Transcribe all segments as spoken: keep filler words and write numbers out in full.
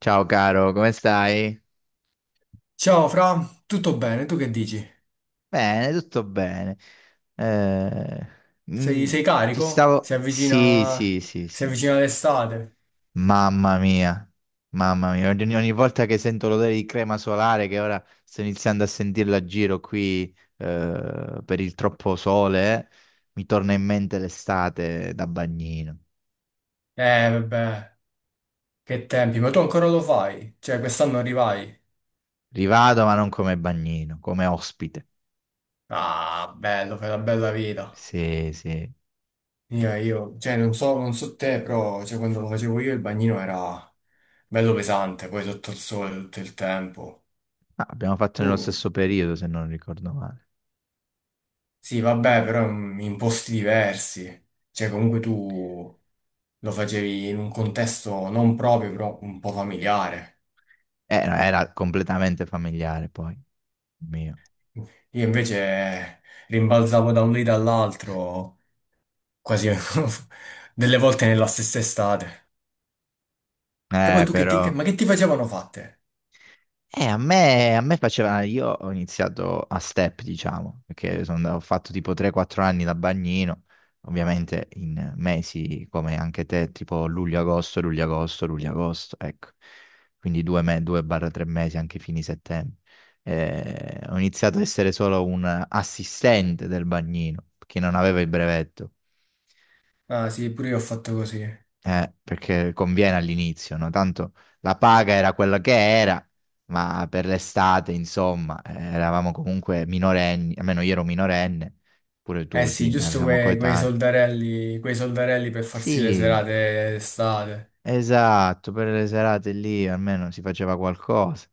Ciao caro, come stai? Ciao Fra, tutto bene? Tu che dici? Bene, tutto bene. Eh, Sei, mm, sei ti carico? Si stavo... Sì, avvicina, sì, sì, si sì. avvicina l'estate? Mamma mia, mamma mia. Ogni, ogni volta che sento l'odore di crema solare, che ora sto iniziando a sentirla a giro qui eh, per il troppo sole, mi torna in mente l'estate da bagnino. Eh, vabbè, che tempi, ma tu ancora lo fai? Cioè, quest'anno arrivai? Rivado, ma non come bagnino, come ospite. Ah, bello, fai la bella vita. Sì, sì. Io, io, cioè, non so, non so te, però, cioè, quando lo facevo io il bagnino era bello pesante, poi sotto il sole tutto il tempo. Ah, abbiamo fatto nello Tu, stesso periodo, se non ricordo male. sì, vabbè, però in in posti diversi. Cioè, comunque tu lo facevi in un contesto non proprio, però un po' familiare. Eh, no, era completamente familiare poi, mio. Io invece rimbalzavo da un lì all'altro, quasi delle volte nella stessa estate. Che poi Eh, tu che ti... che- però, Ma che ti facevano fatte? eh, a me, a me faceva, io ho iniziato a step, diciamo, perché sono andato- ho fatto tipo tre quattro anni da bagnino, ovviamente in mesi come anche te, tipo luglio-agosto, luglio-agosto, luglio-agosto, ecco. Quindi due tre mesi anche fini settembre. Eh, ho iniziato ad essere solo un assistente del bagnino, perché non avevo il brevetto. Ah sì, pure io ho fatto così. Eh, perché conviene all'inizio, no? Tanto la paga era quella che era, ma per l'estate, insomma, eh, eravamo comunque minorenni, almeno io ero minorenne, pure Eh tu, sì, sì, eh, giusto siamo que- quei coetanei. soldarelli, quei soldarelli per farsi le Sì, serate estate. esatto, per le serate lì almeno si faceva qualcosa.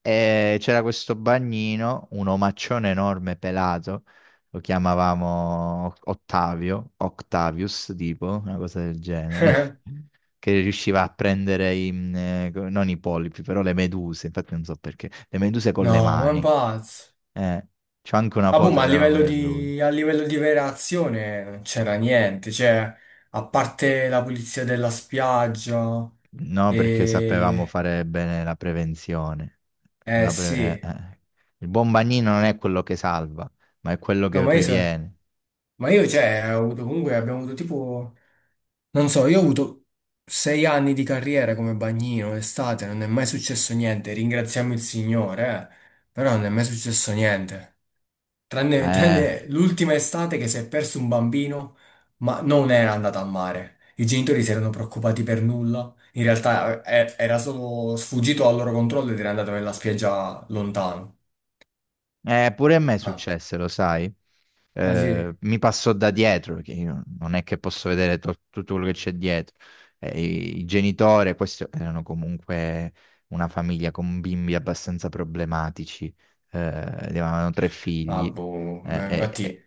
E c'era questo bagnino, un omaccione enorme pelato, lo chiamavamo Ottavio, Octavius, tipo, una cosa del genere, che riusciva a prendere i, mm, eh, co- non i polipi, però le meduse, infatti non so perché, le meduse con le No, ma è un mani. pazzo. Eh, C'ho anche una Ah, boh, foto ma che a avevamo livello io e lui. di, a livello di vera azione non c'era niente, cioè, a parte la pulizia della spiaggia, No, perché sapevamo e... fare bene la prevenzione. eh Una pre- eh, sì, eh. Il buon bagnino non è quello che salva, ma è quello no, che ma io, so- previene. ma io, cioè, ho avuto comunque, abbiamo avuto tipo, non so, io ho avuto sei anni di carriera come bagnino, estate, non è mai successo niente, ringraziamo il Signore, eh, però non è mai successo niente. Tranne, Eh. tranne l'ultima estate che si è perso un bambino, ma non era andato a mare. I genitori si erano preoccupati per nulla. In realtà eh, eh, era solo sfuggito al loro controllo ed era andato nella spiaggia lontano. Eh, pure a me Ah, successe, lo sai. ah sì? Eh, mi passò da dietro, che io non è che posso vedere to- tutto quello che c'è dietro. Eh, i, i genitori, questi erano comunque una famiglia con bimbi abbastanza problematici. Eh, avevano tre Ah, figli. boh. Ma Eh, eh, infatti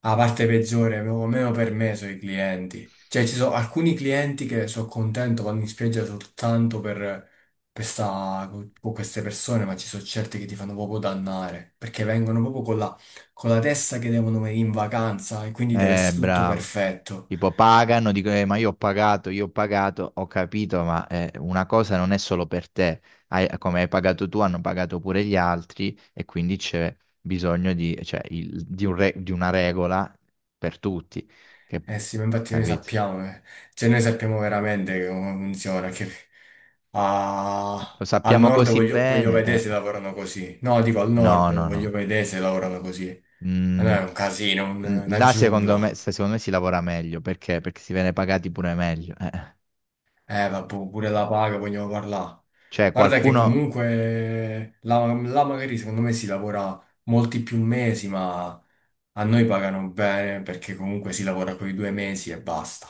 la parte peggiore, proprio meno per me, sono i clienti. Cioè, ci sono alcuni clienti che sono contento, vanno in spiaggia soltanto per, per sta- con queste persone, ma ci sono certi che ti fanno proprio dannare, perché vengono proprio con la, con la testa che devono venire in vacanza e quindi deve eh, eh, essere tutto Bravo. perfetto. Tipo pagano, dico, "Eh, ma io ho pagato, io ho pagato, ho capito, ma eh, una cosa non è solo per te, Hai- come hai pagato tu, hanno pagato pure gli altri e quindi c'è bisogno di, cioè, il- di un re- di una regola per tutti, che, Eh sì, ma infatti noi capito?" sappiamo, eh. Cioè noi sappiamo veramente come funziona, che Lo a- al sappiamo nord così voglio, voglio bene, vedere eh. se lavorano così. No, dico al No, nord no, voglio no. vedere se lavorano così. Eh, No, Mm, è un casino, un- mm, una Là secondo giungla. me, se- secondo me si lavora meglio, perché? Perché si viene pagati pure meglio. eh. Eh, vabbè, pure la paga vogliamo parlare. Cioè Guarda che qualcuno. comunque là, là magari secondo me si lavora molti più mesi, ma a noi pagano bene perché comunque si lavora quei due mesi e basta.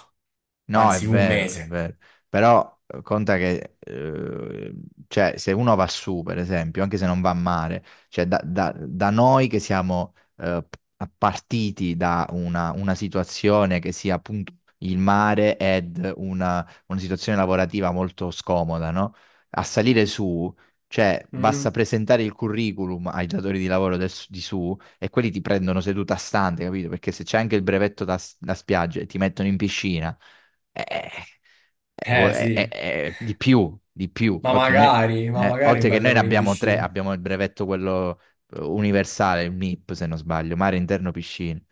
No, è Anzi, un vero, è mese. vero. Però eh, conta che, eh, cioè, se uno va su, per esempio, anche se non va a mare, cioè da, da- da noi che siamo eh, p- partiti da una, una situazione che sia appunto il mare ed una, una situazione lavorativa molto scomoda, no? A salire su, cioè, basta Mm? presentare il curriculum ai datori di lavoro del s- di su e quelli ti prendono seduta stante, capito? Perché se c'è anche il brevetto da, s- da spiaggia e ti mettono in piscina eh, eh, Eh eh, eh, eh, sì, eh, di più, di più. ma Oltre, noi- magari, ma eh, magari un Oltre che bel noi ne lavoro in abbiamo tre, piscina. abbiamo il brevetto quello eh, universale, il MIP se non sbaglio, mare interno piscine.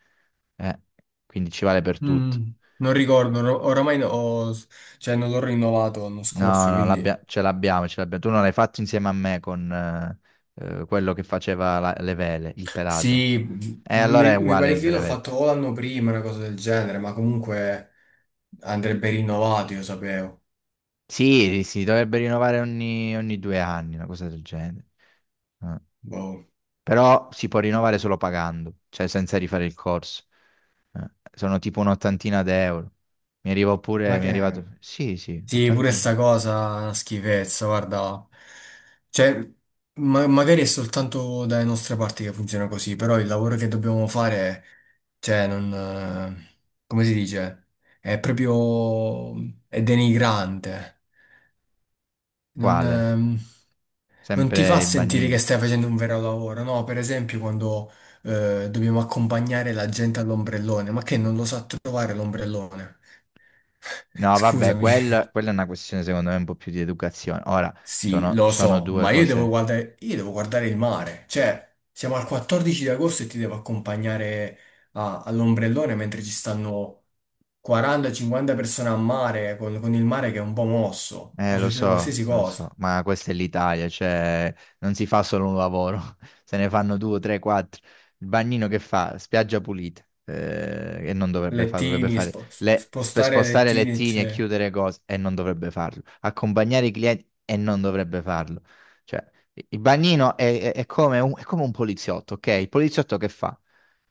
Eh, quindi ci vale per tutto. Mm, non ricordo, or- oramai no- ho- cioè, non l'ho rinnovato l'anno No, scorso, no, l'abbia- quindi... ce l'abbiamo, ce l'abbiamo. Tu non l'hai fatto insieme a me con eh, eh, quello che faceva la- le vele, il pelato. Sì, E non allora è mi, mi uguale pare il che io l'ho brevetto. fatto o l'anno prima, una cosa del genere, ma comunque andrebbe rinnovato, io sapevo. Sì, si dovrebbe rinnovare ogni, ogni due anni, una cosa del genere. Eh. Boh. Però si può rinnovare solo pagando, cioè senza rifare il corso. Eh, sono tipo un'ottantina d'euro. Mi arriva pure, Ma mi è che... arrivato. Sì, sì, Sì, pure ottantina. sta cosa è una schifezza, guarda. Cioè, ma- magari è soltanto dalle nostre parti che funziona così, però il lavoro che dobbiamo fare, cioè, non... eh, come si dice? È proprio... è denigrante. Non... Quale? ehm, non ti fa Sempre il sentire che bagnino. stai facendo un vero lavoro, no? Per esempio, quando eh, dobbiamo accompagnare la gente all'ombrellone, ma che non lo sa trovare l'ombrellone? No, vabbè, Scusami. quella, quella è una questione secondo me un po' più di educazione. Ora, Sì, sono, lo sono so, due ma io devo cose. guardare, io devo guardare il mare. Cioè, siamo al quattordici di agosto e ti devo accompagnare a- all'ombrellone mentre ci stanno quaranta cinquanta persone a mare, con, con il mare che è un po' mosso. Eh, Può Lo succedere so, qualsiasi lo cosa. so, ma questa è l'Italia, cioè non si fa solo un lavoro, se ne fanno due, tre, quattro. Il bagnino che fa? Spiaggia pulita, eh, e non dovrebbe fare, dovrebbe Lettini, fare spo- le, sp- spostare spostare lettini, lettini e eccetera. chiudere cose, e non dovrebbe farlo. Accompagnare i clienti, e non dovrebbe farlo. Cioè, i- il bagnino è, è- è come un, è come un poliziotto, ok? Il poliziotto che fa?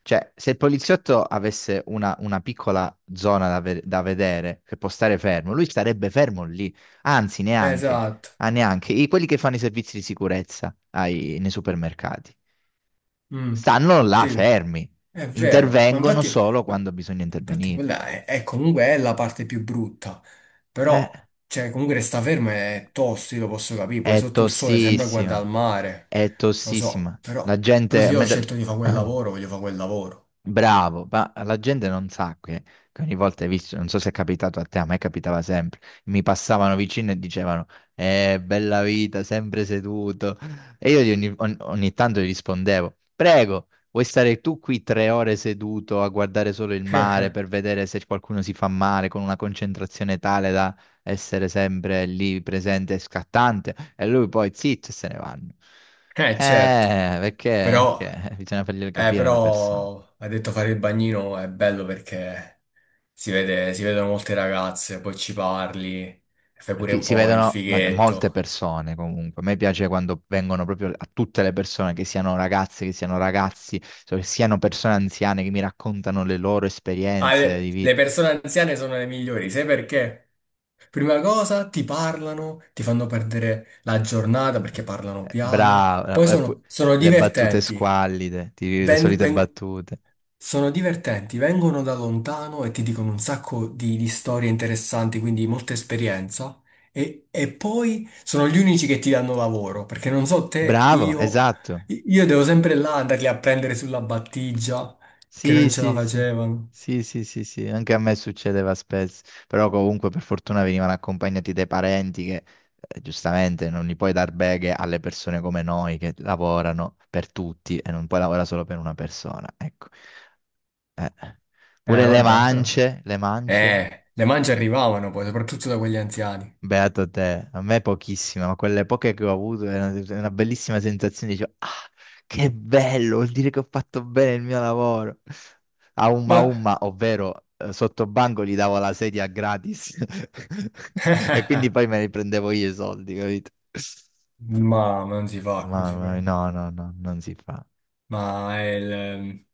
Cioè, se il poliziotto avesse una, una piccola zona da, ve- da vedere, che può stare fermo, lui starebbe fermo lì. Anzi, neanche, Esatto. ah, neanche. I- quelli che fanno i servizi di sicurezza ai- nei supermercati Mm. stanno là Sì, fermi, è vero. Ma intervengono infatti, solo ma- quando bisogna ma infatti intervenire. quella è, è comunque è la parte più brutta. Eh, Però, cioè, comunque resta fermo è tosto, io lo posso capire. Poi è sotto il sole sembra guardare al tossissima, mare. è Lo so, tossissima. La però, però gente, se a io ho me da- scelto di fare quel lavoro, voglio fare quel lavoro. Bravo, ma la gente non sa che, che ogni volta hai visto, non so se è capitato a te, a me capitava sempre, mi passavano vicino e dicevano, eh, bella vita, sempre seduto. E io gli ogni, ogni- ogni tanto gli rispondevo, prego, vuoi stare tu qui tre ore seduto a guardare solo il mare per vedere se qualcuno si fa male con una concentrazione tale da essere sempre lì presente e scattante? E lui poi zitto e se ne vanno. Eh, certo. Eh, perché, Però, perché bisogna farglielo eh, capire alle persone. però, ha detto fare il bagnino è bello perché si vede, si vedono molte ragazze, poi ci parli, fai pure Fi- un Si po' il vedono ma- molte fighetto. persone comunque. A me piace quando vengono proprio a tutte le persone, che siano ragazze, che siano ragazzi, so- che siano persone anziane che mi raccontano le loro Ah, esperienze le, di le vita. persone anziane sono le migliori, sai perché? Prima cosa ti parlano, ti fanno perdere la giornata perché parlano Eh, piano, poi Bravo, eh, pu- sono, sono le battute divertenti, squallide, ti- le Ven- solite ven- battute. sono divertenti, vengono da lontano e ti dicono un sacco di, di storie interessanti, quindi molta esperienza, e, e poi sono gli unici che ti danno lavoro, perché non so te, Bravo, io, esatto. io devo sempre là andarli a prendere sulla battigia, che Sì, non ce la sì, sì, facevano. sì, sì, sì, sì, anche a me succedeva spesso, però comunque per fortuna venivano accompagnati dai parenti che eh, giustamente non gli puoi dar beghe alle persone come noi che lavorano per tutti e non puoi lavorare solo per una persona, ecco. Eh, Pure le vabbè, però. mance, le mance. Eh, le mance arrivavano poi, soprattutto da quegli anziani. Beato te, a me pochissime, ma quelle poche che ho avuto è una, è una bellissima sensazione, dicevo, ah, che bello, vuol dire che ho fatto bene il mio lavoro. A umma Ma, umma, ovvero eh, sotto banco gli davo la sedia gratis e quindi poi me ne prendevo io i soldi, capito? ma non si fa così, Mamma però. mia, no, no, no, non si fa. Ma è il, ehm,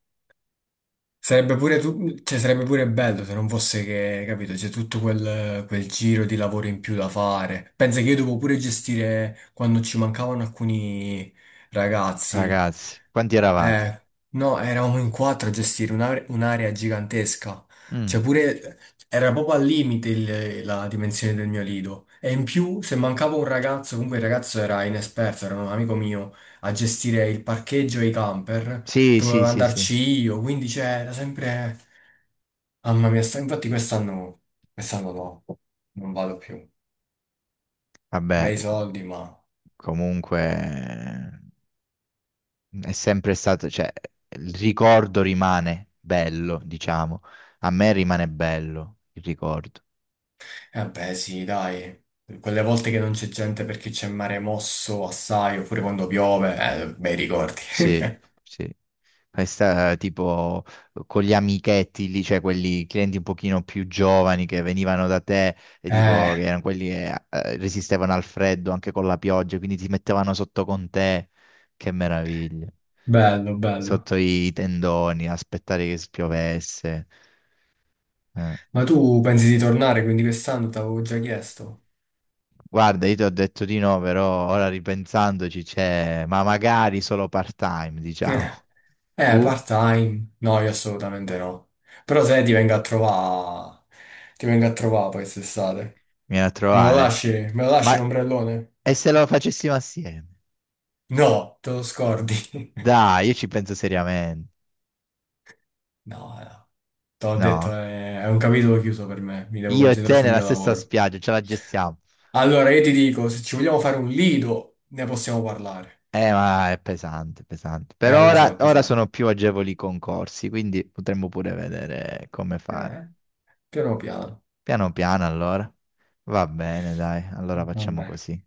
sarebbe pure, tu- cioè, sarebbe pure bello se non fosse che, capito, c'è tutto quel, quel giro di lavoro in più da fare. Pensa che io devo pure gestire quando ci mancavano alcuni ragazzi. Ragazzi, quanti eravate? Eh, no, eravamo in quattro a gestire un'are- un'area gigantesca. Cioè Mm, pure, era proprio al limite il- la dimensione del mio lido. E in più, se mancava un ragazzo, comunque il ragazzo era inesperto, era un amico mio, a gestire il parcheggio e i camper Sì, dovevo sì, sì, sì. andarci io, quindi c'era sempre... Mamma mia, sta- infatti quest'anno quest'anno no, non vado più. Vabbè, Bei soldi, ma... comunque. È sempre stato, cioè, il ricordo rimane bello, diciamo. A me rimane bello il ricordo. Eh beh, sì, dai. Quelle volte che non c'è gente perché c'è mare mosso assai, oppure quando piove, eh, bei ricordi. Sì, sì. Questa, tipo, con gli amichetti lì, cioè quelli clienti un pochino più giovani che venivano da te e tipo, che Eh, erano quelli che eh, resistevano al freddo anche con la pioggia, quindi ti mettevano sotto con te. Che meraviglia. bello, bello. Sotto i tendoni, aspettare che spiovesse. Eh. Ma tu pensi di tornare, quindi quest'anno t'avevo già chiesto. Guarda, io ti ho detto di no, però ora ripensandoci c'è, ma magari solo part-time, Eh, diciamo. eh, Tu part-time? No, io assolutamente no. Però se ti vengo a trovare, ti vengo a trovare poi quest'estate. vieni a Me lo trovare. lasci? Me lo lasci Ma un ombrellone? e se lo facessimo assieme? No, te lo scordi. Dai, io ci penso seriamente. No, no, te l'ho detto, No? è, è un capitolo chiuso per me, mi devo Io e te concentrare sul nella mio stessa lavoro. spiaggia, ce la gestiamo. Allora, io ti dico, se ci vogliamo fare un lido, ne possiamo parlare. Eh, ma è pesante, pesante. Per Eh, lo so, ora, è ora sono pesante. più agevoli i concorsi, quindi potremmo pure vedere come fare. Eh, piano piano. Piano piano, allora. Va bene, dai, allora facciamo Vabbè. così.